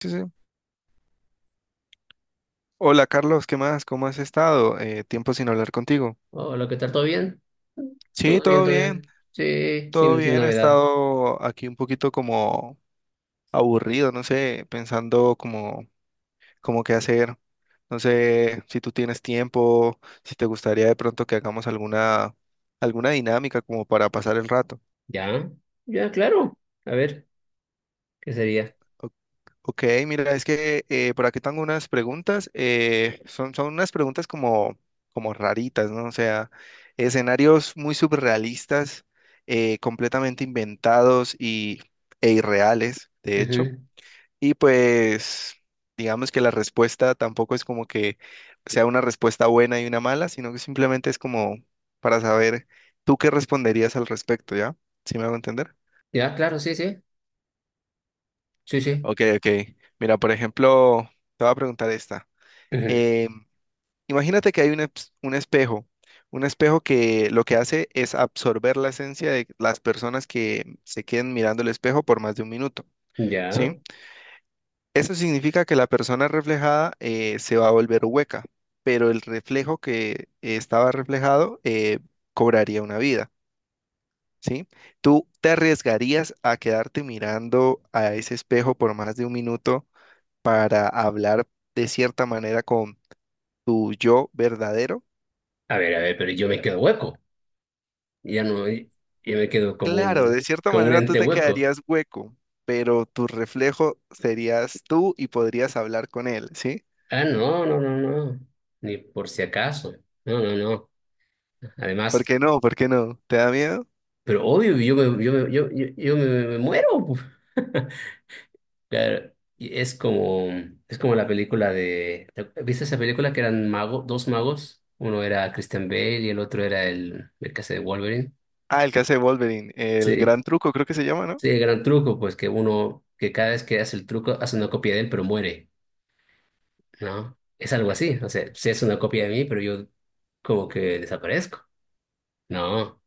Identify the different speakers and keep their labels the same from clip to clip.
Speaker 1: Sí, sí. Hola Carlos, ¿qué más? ¿Cómo has estado? Tiempo sin hablar contigo.
Speaker 2: Hola, ¿qué tal? ¿Todo bien?
Speaker 1: Sí,
Speaker 2: Todo bien,
Speaker 1: todo
Speaker 2: todo
Speaker 1: bien,
Speaker 2: bien. Sí,
Speaker 1: todo
Speaker 2: sin
Speaker 1: bien. He
Speaker 2: novedad.
Speaker 1: estado aquí un poquito como aburrido, no sé, pensando como, como qué hacer. No sé si tú tienes tiempo, si te gustaría de pronto que hagamos alguna dinámica como para pasar el rato.
Speaker 2: Ya, ya, claro. A ver, ¿qué sería?
Speaker 1: Ok, mira, es que por aquí tengo unas preguntas. Son unas preguntas como raritas, ¿no? O sea, escenarios muy surrealistas, completamente e irreales, de hecho.
Speaker 2: Ujú.
Speaker 1: Y pues, digamos que la respuesta tampoco es como que sea una respuesta buena y una mala, sino que simplemente es como para saber tú qué responderías al respecto, ¿ya? ¿Sí me hago entender?
Speaker 2: Ya, claro, sí, sí. Sí, sí.
Speaker 1: Ok, ok. Mira, por ejemplo, te voy a preguntar esta.
Speaker 2: Ujú.
Speaker 1: Eh, imagínate que hay un espejo que lo que hace es absorber la esencia de las personas que se queden mirando el espejo por más de un minuto,
Speaker 2: Ya.
Speaker 1: ¿sí? Eso significa que la persona reflejada se va a volver hueca, pero el reflejo que estaba reflejado cobraría una vida, ¿sí? ¿Tú te arriesgarías a quedarte mirando a ese espejo por más de un minuto para hablar de cierta manera con tu yo verdadero?
Speaker 2: A ver, pero yo me quedo hueco. Ya no, yo me quedo
Speaker 1: Claro, de cierta
Speaker 2: como un
Speaker 1: manera tú
Speaker 2: ente
Speaker 1: te
Speaker 2: hueco.
Speaker 1: quedarías hueco, pero tu reflejo serías tú y podrías hablar con él, ¿sí?
Speaker 2: Ah, no, no, no, no. Ni por si acaso. No, no, no.
Speaker 1: ¿Por
Speaker 2: Además,
Speaker 1: qué no? ¿Por qué no? ¿Te da miedo?
Speaker 2: pero obvio, yo me muero. Claro, es como la película de, ¿viste esa película que eran mago, dos magos? Uno era Christian Bale y el otro era el que hace de Wolverine.
Speaker 1: Ah, el que hace Wolverine, el
Speaker 2: Sí,
Speaker 1: gran truco creo que se llama, ¿no?
Speaker 2: sí, el gran truco, pues que uno, que cada vez que hace el truco, hace una copia de él, pero muere, ¿no? Es algo así, o sea, sí es una copia de mí, pero yo como que desaparezco. No,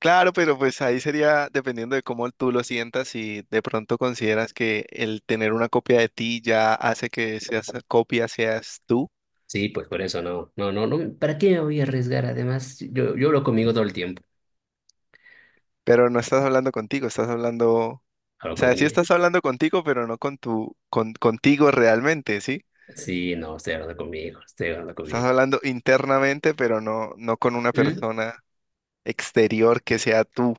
Speaker 1: Claro, pero pues ahí sería dependiendo de cómo tú lo sientas y de pronto consideras que el tener una copia de ti ya hace que seas copia, seas tú,
Speaker 2: sí, pues por eso no, no, no, no, ¿para qué me voy a arriesgar? Además, yo hablo conmigo todo el tiempo,
Speaker 1: pero no estás hablando contigo, estás hablando, o
Speaker 2: hablo
Speaker 1: sea, sí
Speaker 2: conmigo.
Speaker 1: estás hablando contigo, pero no con contigo realmente, ¿sí?
Speaker 2: Sí, no, estoy hablando conmigo, estoy hablando
Speaker 1: Estás
Speaker 2: conmigo.
Speaker 1: hablando internamente, pero no con una
Speaker 2: ¿Mm?
Speaker 1: persona exterior que sea tú.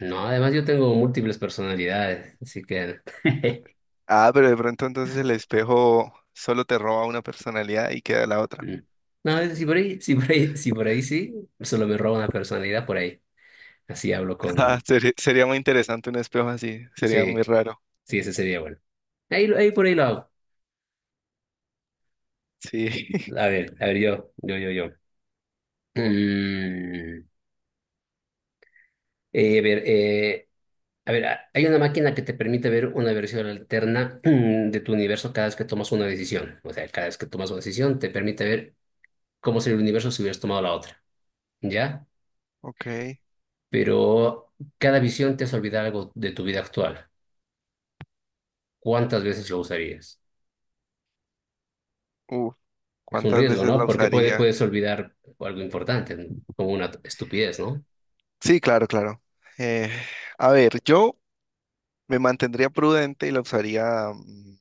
Speaker 2: No, además yo tengo múltiples personalidades, así que...
Speaker 1: Ah, pero de pronto entonces el espejo solo te roba una personalidad y queda la otra.
Speaker 2: Mm. Si por ahí sí, solo me roba una personalidad por ahí. Así hablo
Speaker 1: Ah,
Speaker 2: con...
Speaker 1: sería muy interesante un espejo así, sería
Speaker 2: Sí,
Speaker 1: muy raro.
Speaker 2: sí, ese sería bueno. Ahí por ahí lo hago.
Speaker 1: Sí,
Speaker 2: A ver, yo, yo, yo, yo. Mm, a ver, hay una máquina que te permite ver una versión alterna de tu universo cada vez que tomas una decisión. O sea, cada vez que tomas una decisión te permite ver cómo sería el universo si hubieras tomado la otra. ¿Ya?
Speaker 1: ok.
Speaker 2: Pero cada visión te hace olvidar algo de tu vida actual. ¿Cuántas veces lo usarías?
Speaker 1: Uf,
Speaker 2: Es un
Speaker 1: ¿cuántas
Speaker 2: riesgo,
Speaker 1: veces la
Speaker 2: ¿no? Porque
Speaker 1: usaría?
Speaker 2: puedes olvidar algo importante, ¿no?, como una estupidez, ¿no?
Speaker 1: Sí, claro, claro. Eh, a ver, yo me mantendría prudente y la usaría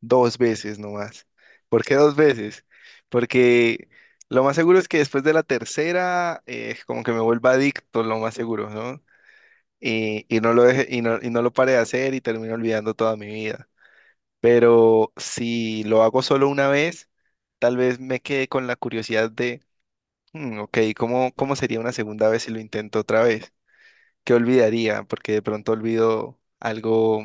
Speaker 1: dos veces nomás. ¿Por qué dos veces? Porque lo más seguro es que después de la tercera, como que me vuelva adicto, lo más seguro, ¿no? Y no lo deje, y no lo pare de hacer y termino olvidando toda mi vida. Pero si lo hago solo una vez, tal vez me quede con la curiosidad de, "Hmm, ok, ¿cómo sería una segunda vez si lo intento otra vez? ¿Qué olvidaría? Porque de pronto olvido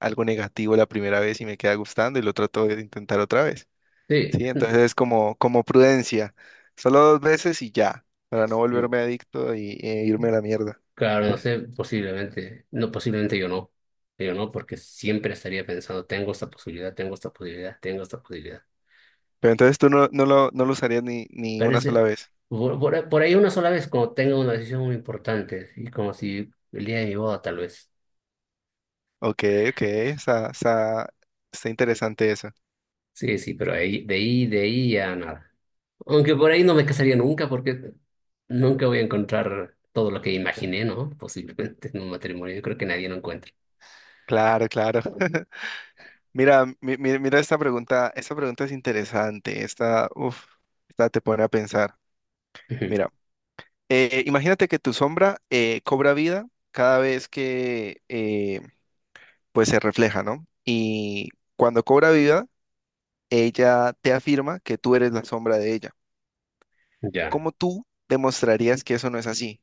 Speaker 1: algo negativo la primera vez y me queda gustando y lo trato de intentar otra vez.
Speaker 2: Sí,
Speaker 1: Sí, entonces es como prudencia. Solo dos veces y ya, para no
Speaker 2: sí.
Speaker 1: volverme adicto e irme a la mierda.
Speaker 2: Claro, no sé, posiblemente yo no, porque siempre estaría pensando, tengo esta posibilidad, tengo esta posibilidad, tengo esta posibilidad.
Speaker 1: Pero entonces tú no lo no lo usarías ni una
Speaker 2: Parece,
Speaker 1: sola vez.
Speaker 2: por ahí una sola vez, como tengo una decisión muy importante, y como si el día de mi boda, tal vez.
Speaker 1: Ok, ok, está interesante eso.
Speaker 2: Sí, sí, pero ahí, de ahí ya nada. Aunque por ahí no me casaría nunca porque nunca voy a encontrar todo lo que imaginé, ¿no? Posiblemente en un matrimonio. Yo creo que nadie lo encuentra.
Speaker 1: Claro, claro. Mira, mira esta pregunta es interesante. Esta, uf, esta te pone a pensar.
Speaker 2: Ujú.
Speaker 1: Mira, imagínate que tu sombra cobra vida cada vez que pues se refleja, ¿no? Y cuando cobra vida ella te afirma que tú eres la sombra de ella.
Speaker 2: Ya.
Speaker 1: ¿Cómo tú demostrarías que eso no es así?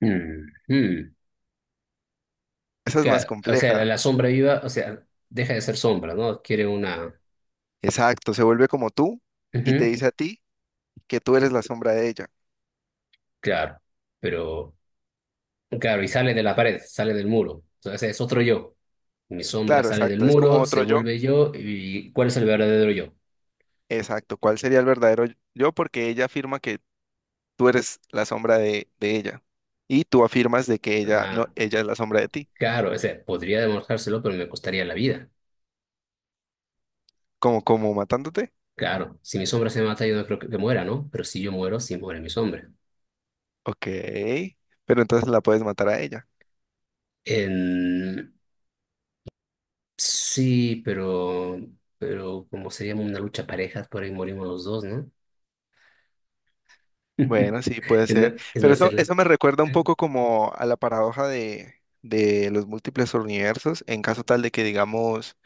Speaker 2: Mm, mm.
Speaker 1: Esa es más
Speaker 2: O sea,
Speaker 1: compleja.
Speaker 2: la sombra viva, o sea, deja de ser sombra, ¿no? Quiere una...
Speaker 1: Exacto, se vuelve como tú y te
Speaker 2: Ujú.
Speaker 1: dice a ti que tú eres la sombra de ella.
Speaker 2: Claro, pero... Claro, y sale de la pared, sale del muro. O es otro yo. Mi sombra
Speaker 1: Claro,
Speaker 2: sale del
Speaker 1: exacto, es como
Speaker 2: muro, se
Speaker 1: otro yo.
Speaker 2: vuelve yo, ¿y cuál es el verdadero yo?
Speaker 1: Exacto, ¿cuál sería el verdadero yo? Porque ella afirma que tú eres la sombra de ella y tú afirmas de que ella no,
Speaker 2: Ah,
Speaker 1: ella es la sombra de ti,
Speaker 2: claro, o sea, podría demostrárselo, pero me costaría la vida.
Speaker 1: como matándote.
Speaker 2: Claro, si mi sombra se mata, yo no creo que muera, ¿no? Pero si yo muero, sí muere mi sombra.
Speaker 1: Ok, pero entonces la puedes matar a ella.
Speaker 2: En- Sí, pero como sería una lucha parejas, por ahí morimos los dos, ¿no?
Speaker 1: Bueno, sí, puede ser.
Speaker 2: Es
Speaker 1: Pero
Speaker 2: más ser-
Speaker 1: eso me recuerda un poco como a la paradoja de los múltiples universos, en caso tal de que digamos,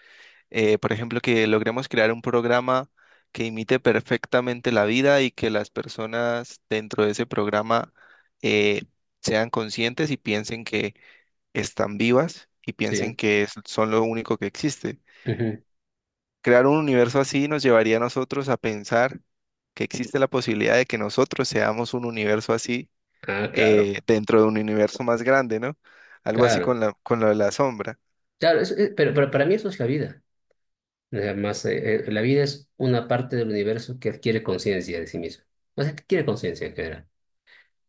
Speaker 1: por ejemplo, que logremos crear un programa que imite perfectamente la vida y que las personas dentro de ese programa eh, sean conscientes y piensen que están vivas y piensen
Speaker 2: Sí.
Speaker 1: que son lo único que existe.
Speaker 2: Ujú.
Speaker 1: Crear un universo así nos llevaría a nosotros a pensar que existe la posibilidad de que nosotros seamos un universo así
Speaker 2: Ah, claro,
Speaker 1: dentro de un universo más grande, ¿no? Algo así
Speaker 2: claro.
Speaker 1: con con lo de la sombra.
Speaker 2: Claro, pero para mí eso es la vida. Además, la vida es una parte del universo que adquiere conciencia de sí misma. O sea, que adquiere conciencia en general,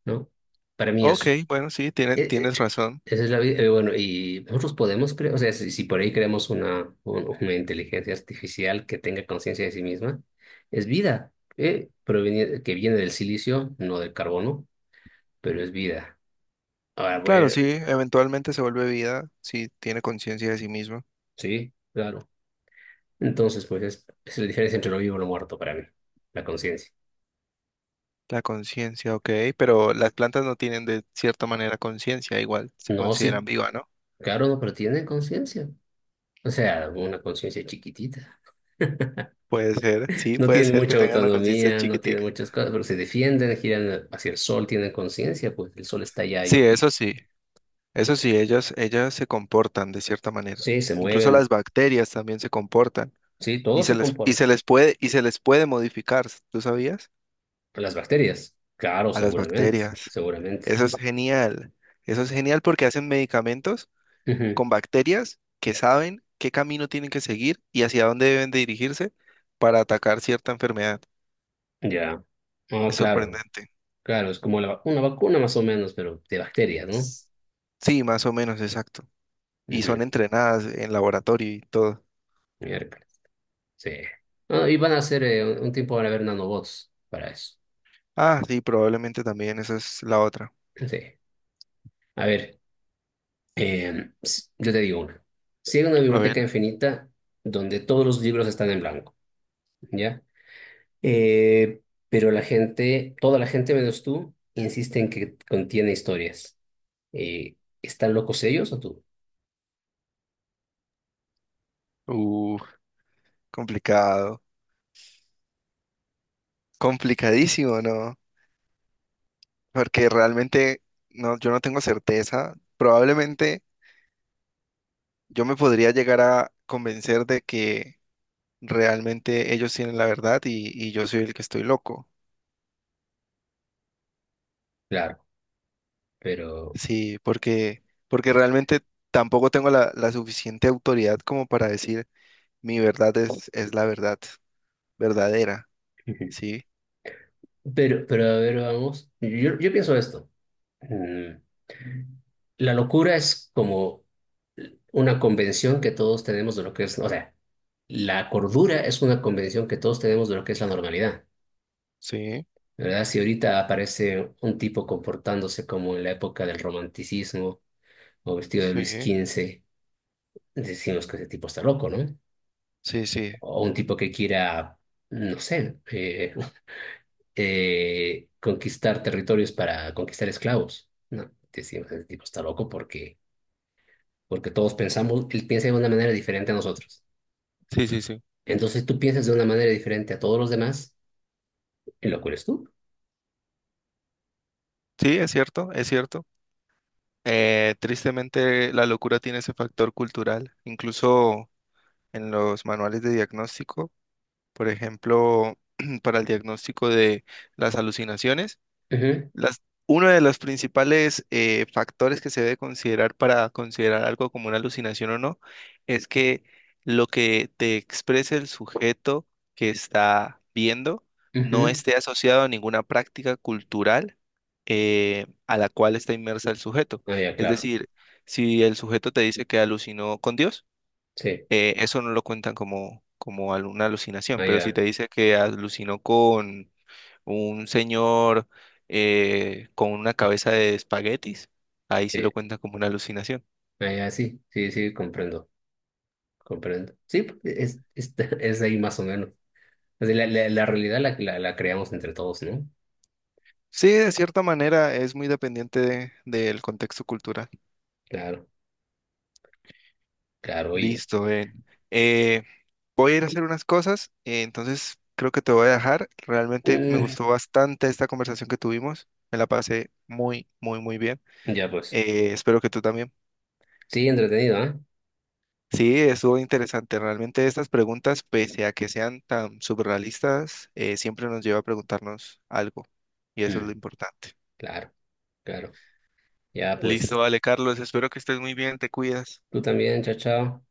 Speaker 2: ¿no? Para mí
Speaker 1: Ok,
Speaker 2: eso.
Speaker 1: bueno, sí,
Speaker 2: Eh, eh,
Speaker 1: tienes razón.
Speaker 2: Esa es la vida. Bueno, y nosotros podemos creer, o sea, si por ahí creamos una inteligencia artificial que tenga conciencia de sí misma, es vida, que viene del silicio, no del carbono, pero es vida. Ahora,
Speaker 1: Claro,
Speaker 2: bueno,
Speaker 1: sí, eventualmente se vuelve vida, sí, tiene conciencia de sí misma.
Speaker 2: sí, claro. Entonces, pues es la diferencia entre lo vivo y lo muerto para mí, la conciencia.
Speaker 1: La conciencia, ok, pero las plantas no tienen de cierta manera conciencia, igual se
Speaker 2: No, sí,
Speaker 1: consideran viva, ¿no?
Speaker 2: claro, no, pero tienen conciencia. O sea, una conciencia chiquitita.
Speaker 1: Puede ser, sí,
Speaker 2: No
Speaker 1: puede
Speaker 2: tienen
Speaker 1: ser que
Speaker 2: mucha
Speaker 1: tengan una conciencia
Speaker 2: autonomía, no tienen
Speaker 1: chiquitica.
Speaker 2: muchas cosas, pero se defienden, giran hacia el sol, tienen conciencia, pues el sol está allá,
Speaker 1: Sí,
Speaker 2: yo
Speaker 1: eso
Speaker 2: giro.
Speaker 1: sí, eso sí, ellas se comportan de cierta manera.
Speaker 2: Sí, se
Speaker 1: Incluso las
Speaker 2: mueven,
Speaker 1: bacterias también se comportan
Speaker 2: sí, todo
Speaker 1: y se
Speaker 2: se comporta.
Speaker 1: les puede, y se les puede modificar, ¿tú sabías?
Speaker 2: Las bacterias, claro,
Speaker 1: A las
Speaker 2: seguramente,
Speaker 1: bacterias.
Speaker 2: seguramente.
Speaker 1: Eso es genial. Eso es genial porque hacen medicamentos
Speaker 2: Ujú.
Speaker 1: con bacterias que saben qué camino tienen que seguir y hacia dónde deben de dirigirse para atacar cierta enfermedad.
Speaker 2: Ya. Ah,
Speaker 1: Es
Speaker 2: claro,
Speaker 1: sorprendente.
Speaker 2: claro, es como una vacuna más o menos, pero de bacterias, ¿no?
Speaker 1: S- Sí, más o menos, exacto. Y
Speaker 2: Ujú.
Speaker 1: son entrenadas en laboratorio y todo.
Speaker 2: Miércoles, sí. Ah, y van a hacer, un tiempo van a haber nanobots para eso.
Speaker 1: Ah, sí, probablemente también esa es la otra.
Speaker 2: Sí. A ver. Yo te digo una. Si hay una
Speaker 1: A ver.
Speaker 2: biblioteca infinita donde todos los libros están en blanco, ¿ya? Eh, pero la gente, toda la gente menos tú, insiste en que contiene historias. Eh, ¿Están locos ellos o tú?
Speaker 1: Uh, complicado. Complicadísimo, ¿no? Porque realmente no, yo no tengo certeza. Probablemente yo me podría llegar a convencer de que realmente ellos tienen la verdad y yo soy el que estoy loco.
Speaker 2: Claro, pero,
Speaker 1: Sí, porque realmente tampoco tengo la suficiente autoridad como para decir mi verdad es la verdad verdadera.
Speaker 2: Ujú.
Speaker 1: Sí,
Speaker 2: Pero a ver, vamos. Yo pienso esto. Mm, La locura es como una convención que todos tenemos de lo que es, o sea, la cordura es una convención que todos tenemos de lo que es la normalidad.
Speaker 1: sí,
Speaker 2: ¿Verdad? Si ahorita aparece un tipo comportándose como en la época del romanticismo o vestido de Luis
Speaker 1: sí,
Speaker 2: XV, decimos que ese tipo está loco, ¿no?
Speaker 1: sí, sí,
Speaker 2: O un tipo que quiera, no sé, conquistar territorios para conquistar esclavos. No, decimos ese tipo está loco porque, porque todos pensamos, él piensa de una manera diferente a nosotros.
Speaker 1: sí, sí, sí.
Speaker 2: Entonces tú piensas de una manera diferente a todos los demás y lo eres tú.
Speaker 1: Sí, es cierto, es cierto. Tristemente la locura tiene ese factor cultural. Incluso en los manuales de diagnóstico. Por ejemplo, para el diagnóstico de las alucinaciones,
Speaker 2: Ujú,
Speaker 1: uno de los principales factores que se debe considerar para considerar algo como una alucinación o no es que lo que te exprese el sujeto que está viendo no
Speaker 2: ujú.
Speaker 1: esté asociado a ninguna práctica cultural a la cual está inmersa el sujeto.
Speaker 2: Ah, ya,
Speaker 1: Es
Speaker 2: claro.
Speaker 1: decir, si el sujeto te dice que alucinó con Dios,
Speaker 2: Sí,
Speaker 1: eso no lo cuentan como, como una alucinación,
Speaker 2: ah,
Speaker 1: pero si te
Speaker 2: ya.
Speaker 1: dice que alucinó con un señor con una cabeza de espaguetis, ahí sí
Speaker 2: Sí,
Speaker 1: lo cuentan como una alucinación.
Speaker 2: ah, ya, sí, sí, sí, comprendo, comprendo. Sí, pues, es ahí más o menos. O sea, la realidad la creamos entre todos, ¿no?
Speaker 1: Sí, de cierta manera es muy dependiente del contexto cultural.
Speaker 2: Claro, claro, oye.
Speaker 1: Listo, ven. Voy a ir a hacer unas cosas, entonces creo que te voy a dejar. Realmente me
Speaker 2: Mm,
Speaker 1: gustó bastante esta conversación que tuvimos, me la pasé muy, muy, muy bien.
Speaker 2: ya pues.
Speaker 1: Espero que tú también.
Speaker 2: Sí, entretenido, ¿ah?
Speaker 1: Sí, estuvo interesante. Realmente estas preguntas, pese a que sean tan surrealistas, siempre nos lleva a preguntarnos algo. Y eso es lo
Speaker 2: Mm,
Speaker 1: importante.
Speaker 2: claro, claro. Ya
Speaker 1: Listo,
Speaker 2: pues.
Speaker 1: vale, Carlos. Espero que estés muy bien. Te cuidas.
Speaker 2: Tú también, chao, chao.